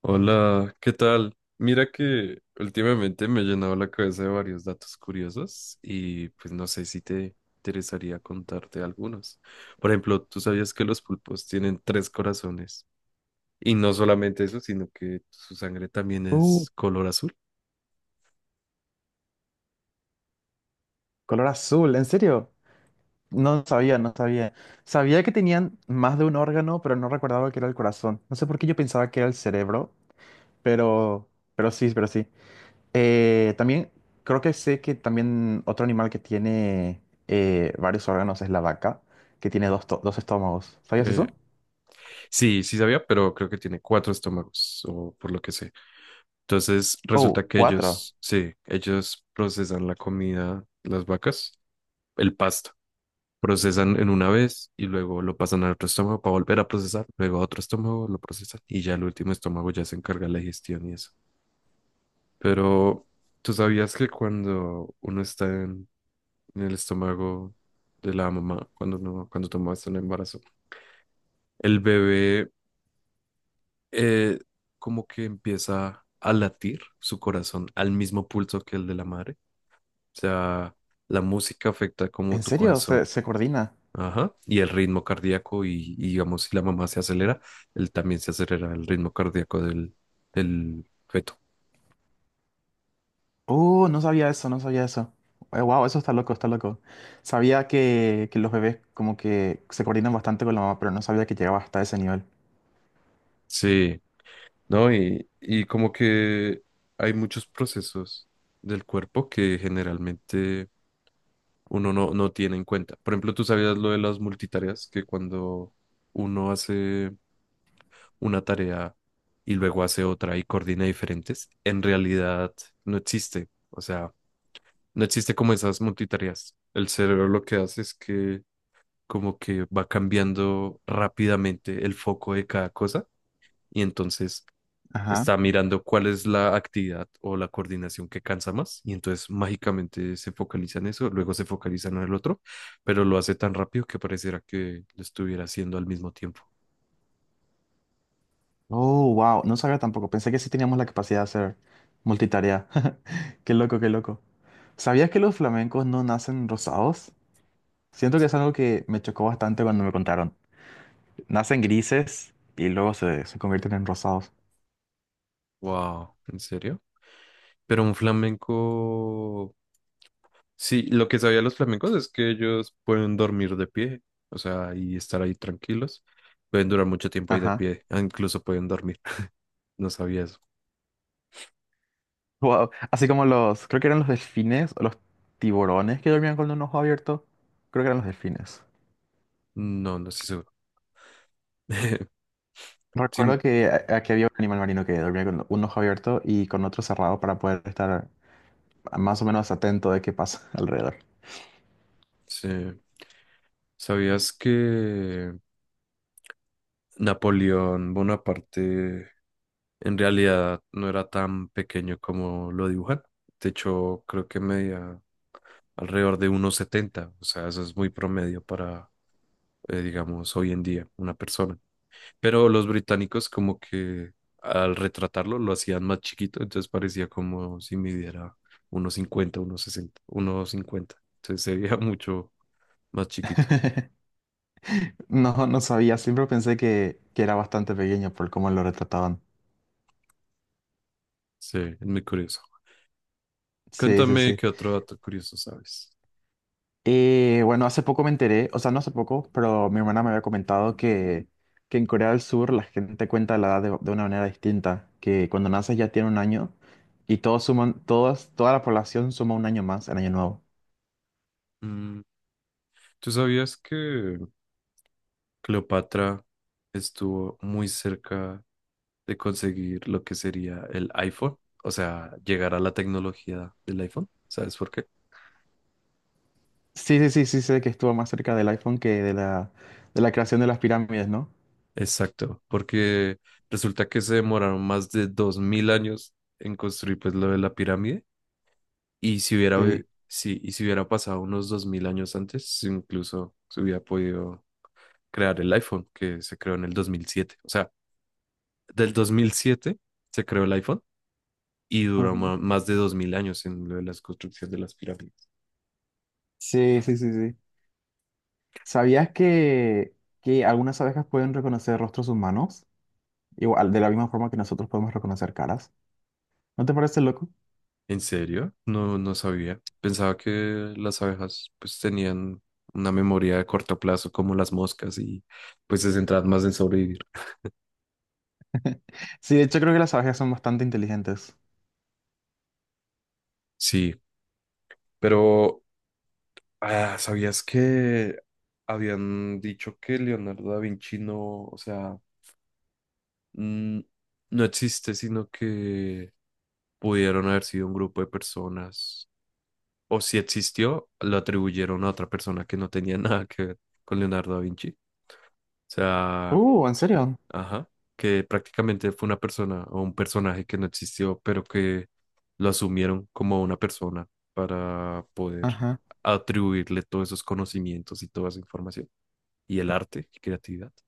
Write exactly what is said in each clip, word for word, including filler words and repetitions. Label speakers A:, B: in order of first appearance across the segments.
A: Hola, ¿qué tal? Mira que últimamente me he llenado la cabeza de varios datos curiosos y pues no sé si te interesaría contarte algunos. Por ejemplo, ¿tú sabías que los pulpos tienen tres corazones? Y no solamente eso, sino que su sangre también
B: Uh,
A: es color azul.
B: color azul, ¿en serio? No sabía, no sabía. Sabía que tenían más de un órgano, pero no recordaba que era el corazón. No sé por qué yo pensaba que era el cerebro, pero, pero sí, pero sí. Eh, también creo que sé que también otro animal que tiene eh, varios órganos es la vaca, que tiene dos, to- dos estómagos. ¿Sabías
A: Eh,
B: eso?
A: sí, sí sabía, pero creo que tiene cuatro estómagos o por lo que sé. Entonces
B: Oh,
A: resulta que
B: cuatro.
A: ellos, sí, ellos procesan la comida, las vacas, el pasto. Procesan en una vez y luego lo pasan a otro estómago para volver a procesar, luego a otro estómago lo procesan y ya el último estómago ya se encarga de la digestión y eso. Pero tú sabías que cuando uno está en, en el estómago de la mamá, cuando uno, cuando tomas un embarazo, el bebé eh, como que empieza a latir su corazón al mismo pulso que el de la madre. O sea, la música afecta como
B: ¿En
A: tu
B: serio? ¿Se,
A: corazón.
B: ¿se coordina?
A: Ajá. Y el ritmo cardíaco y, y, digamos, si la mamá se acelera, él también se acelera el ritmo cardíaco del, del feto.
B: Oh, no sabía eso, no sabía eso. Wow, eso está loco, está loco. Sabía que, que los bebés como que se coordinan bastante con la mamá, pero no sabía que llegaba hasta ese nivel.
A: Sí, ¿no? Y, y como que hay muchos procesos del cuerpo que generalmente uno no, no tiene en cuenta. Por ejemplo, tú sabías lo de las multitareas, que cuando uno hace una tarea y luego hace otra y coordina diferentes, en realidad no existe. O sea, no existe como esas multitareas. El cerebro lo que hace es que como que va cambiando rápidamente el foco de cada cosa y entonces
B: Ajá.
A: está mirando cuál es la actividad o la coordinación que cansa más y entonces mágicamente se focaliza en eso, luego se focaliza en el otro, pero lo hace tan rápido que pareciera que lo estuviera haciendo al mismo tiempo.
B: Oh, wow, no sabía tampoco. Pensé que sí teníamos la capacidad de hacer multitarea. Qué loco, qué loco. ¿Sabías que los flamencos no nacen rosados? Siento que es algo que me chocó bastante cuando me contaron. Nacen grises y luego se, se convierten en rosados.
A: Wow, ¿en serio? Pero un flamenco Sí, lo que sabía los flamencos es que ellos pueden dormir de pie, o sea, y estar ahí tranquilos. Pueden durar mucho tiempo ahí de
B: Ajá.
A: pie, ah, incluso pueden dormir. No sabía eso.
B: Wow. Así como los, creo que eran los delfines o los tiburones que dormían con un ojo abierto. Creo que eran los delfines.
A: No, no estoy seguro. Sin-
B: Recuerdo que a- aquí había un animal marino que dormía con un ojo abierto y con otro cerrado para poder estar más o menos atento de qué pasa alrededor.
A: sí. ¿Sabías que Napoleón Bonaparte en realidad no era tan pequeño como lo dibujan? De hecho, creo que medía alrededor de uno setenta, o sea, eso es muy promedio para, eh, digamos, hoy en día una persona. Pero los británicos como que al retratarlo lo hacían más chiquito, entonces parecía como si midiera unos cincuenta unos sesenta unos cincuenta. Entonces se veía mucho más chiquito.
B: No, no sabía, siempre pensé que, que era bastante pequeño por cómo lo retrataban.
A: Sí, es muy curioso.
B: Sí, sí,
A: Cuéntame
B: sí.
A: qué otro dato curioso sabes.
B: Eh, bueno, hace poco me enteré, o sea, no hace poco, pero mi hermana me había comentado que, que en Corea del Sur la gente cuenta la edad de, de una manera distinta, que cuando naces ya tiene un año y todos suman, todas, toda la población suma un año más en año nuevo.
A: Mm, ¿Tú sabías que Cleopatra estuvo muy cerca de conseguir lo que sería el iPhone? O sea, llegar a la tecnología del iPhone. ¿Sabes por qué?
B: Sí, sí, sí, sí, sé que estuvo más cerca del iPhone que de la, de la creación de las pirámides, ¿no?
A: Exacto, porque resulta que se demoraron más de dos mil años en construir pues lo de la pirámide y si hubiera vi-
B: Sí.
A: sí, y si hubiera pasado unos dos mil años antes, incluso se hubiera podido crear el iPhone que se creó en el dos mil siete. O sea, del dos mil siete se creó el iPhone y duró
B: Ujú.
A: ma- más de dos mil años en lo de las construcciones de las pirámides.
B: Sí, sí, sí, sí. ¿Sabías que, que algunas abejas pueden reconocer rostros humanos? Igual, de la misma forma que nosotros podemos reconocer caras. ¿No te parece loco?
A: ¿En serio? No, no sabía. Pensaba que las abejas pues tenían una memoria de corto plazo como las moscas y pues se centraban más en sobrevivir.
B: Sí, de hecho creo que las abejas son bastante inteligentes.
A: Sí, pero ah, ¿sabías que habían dicho que Leonardo da Vinci no, o sea, mm, no existe, sino que pudieron haber sido un grupo de personas, o si existió, lo atribuyeron a otra persona que no tenía nada que ver con Leonardo da Vinci? O sea,
B: Uh, ¿en serio?
A: ajá, que prácticamente fue una persona o un personaje que no existió, pero que lo asumieron como una persona para poder
B: Ajá.
A: atribuirle todos esos conocimientos y toda esa información y el arte y creatividad. O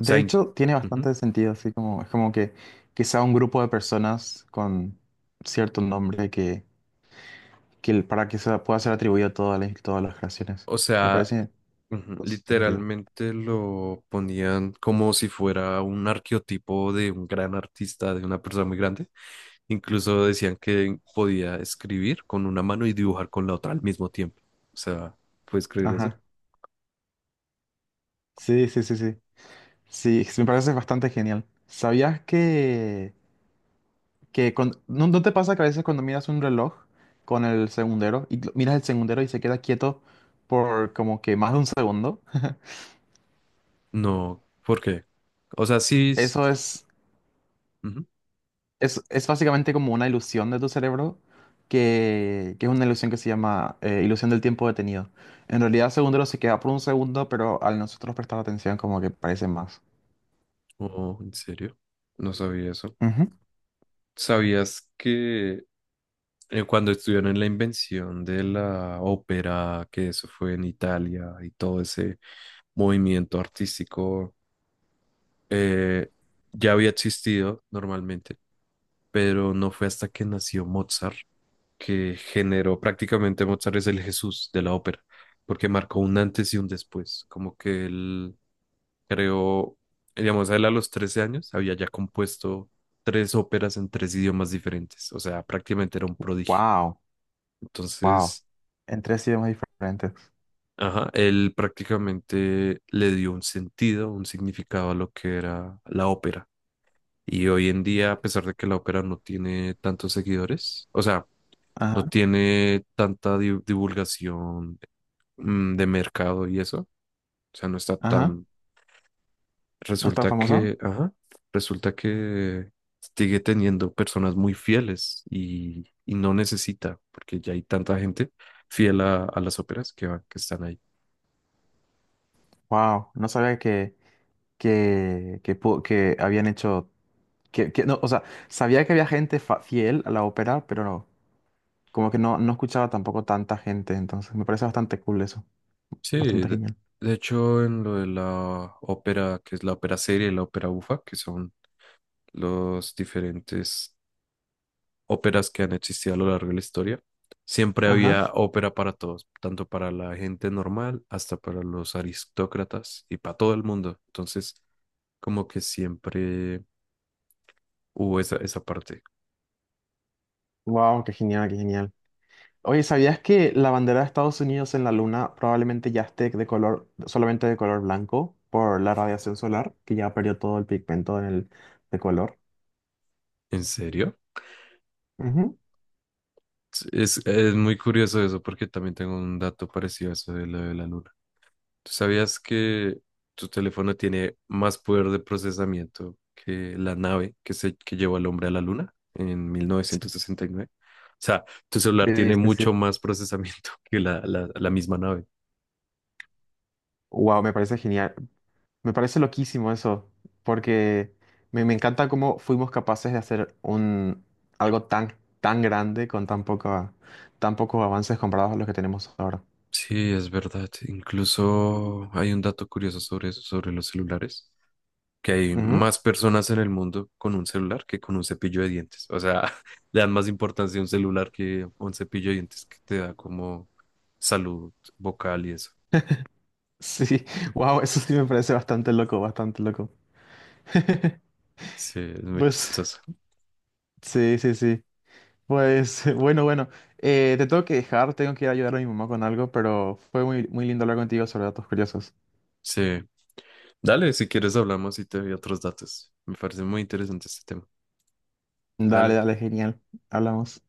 A: sea,
B: De
A: in-
B: hecho, tiene bastante sentido, así como, es como que que sea un grupo de personas con cierto nombre que, que el- para que se pueda ser atribuido a todas las, todas las creaciones.
A: O
B: Me
A: sea,
B: parece
A: ujú,
B: con sentido.
A: literalmente lo ponían como si fuera un arqueotipo de un gran artista, de una persona muy grande. Incluso decían que podía escribir con una mano y dibujar con la otra al mismo tiempo. O sea, ¿puedes creer eso?
B: Ajá. Sí, sí, sí, sí. Sí, me parece bastante genial. ¿Sabías que, que cuando- ¿no, no te pasa que a veces cuando miras un reloj con el segundero y lo- miras el segundero y se queda quieto por como que más de un segundo?
A: No, ¿por qué? O sea, sí. S-
B: Eso
A: s-
B: es,
A: ujú.
B: es, es básicamente como una ilusión de tu cerebro, que, que es una ilusión que se llama eh, ilusión del tiempo detenido. En realidad, segundo se queda por un segundo, pero al nosotros prestar atención, como que parece más.
A: Oh, ¿en serio? No sabía eso.
B: Ujú.
A: ¿Sabías que eh, cuando estuvieron en la invención de la ópera, que eso fue en Italia y todo ese movimiento artístico, eh, ya había existido normalmente, pero no fue hasta que nació Mozart que generó prácticamente Mozart es el Jesús de la ópera, porque marcó un antes y un después, como que él creó, digamos, él a los trece años había ya compuesto tres óperas en tres idiomas diferentes, o sea, prácticamente era un prodigio.
B: Wow, wow.
A: Entonces,
B: En tres idiomas diferentes.
A: ajá, él prácticamente le dio un sentido, un significado a lo que era la ópera. Y hoy en día, a pesar de que la ópera no tiene tantos seguidores, o sea, no
B: Ajá,
A: tiene tanta di- divulgación mm, de mercado y eso, o sea, no está
B: ajá.
A: tan.
B: ¿No es tan
A: Resulta
B: famoso?
A: que, ajá, resulta que sigue teniendo personas muy fieles y, y no necesita, porque ya hay tanta gente fiel a, a las óperas que, va- que están ahí.
B: Wow, no sabía que, que, que, pu- que habían hecho. Que, que, no, o sea, sabía que había gente fa- fiel a la ópera, pero no, como que no, no escuchaba tampoco tanta gente, entonces me parece bastante cool eso.
A: Sí,
B: Bastante
A: de,
B: genial.
A: de hecho en lo de la ópera, que es la ópera serie y la ópera bufa, que son los diferentes óperas que han existido a lo largo de la historia, siempre
B: Ajá.
A: había ópera para todos, tanto para la gente normal hasta para los aristócratas y para todo el mundo. Entonces, como que siempre hubo esa, esa parte.
B: Wow, qué genial, qué genial. Oye, ¿sabías que la bandera de Estados Unidos en la Luna probablemente ya esté de color, solamente de color blanco por la radiación solar, que ya perdió todo el pigmento en el, de color?
A: ¿En serio?
B: Ujú.
A: Es, es muy curioso eso porque también tengo un dato parecido a eso de lo de la luna. ¿Tú sabías que tu teléfono tiene más poder de procesamiento que la nave que, se, que llevó al hombre a la luna en mil novecientos sesenta y nueve? O sea, tu celular
B: Sí,
A: tiene
B: sí, sí.
A: mucho más procesamiento que la, la, la misma nave.
B: Wow, me parece genial. Me parece loquísimo eso, porque me, me encanta cómo fuimos capaces de hacer un, algo tan, tan grande con tan poco tan pocos avances comparados a los que tenemos ahora.
A: Sí, es verdad. Incluso hay un dato curioso sobre eso, sobre los celulares, que hay más personas en el mundo con un celular que con un cepillo de dientes. O sea, le dan más importancia a un celular que a un cepillo de dientes que te da como salud vocal y eso.
B: Sí, wow, eso sí me parece bastante loco, bastante loco.
A: Sí, es muy
B: Pues,
A: chistoso.
B: sí, sí, sí. Pues, bueno, bueno, eh, te tengo que dejar, tengo que ir a ayudar a mi mamá con algo, pero fue muy, muy lindo hablar contigo sobre datos curiosos.
A: Sí. Dale, si quieres hablamos y te doy otros datos. Me parece muy interesante este tema.
B: Dale,
A: Dale.
B: dale, genial. Hablamos.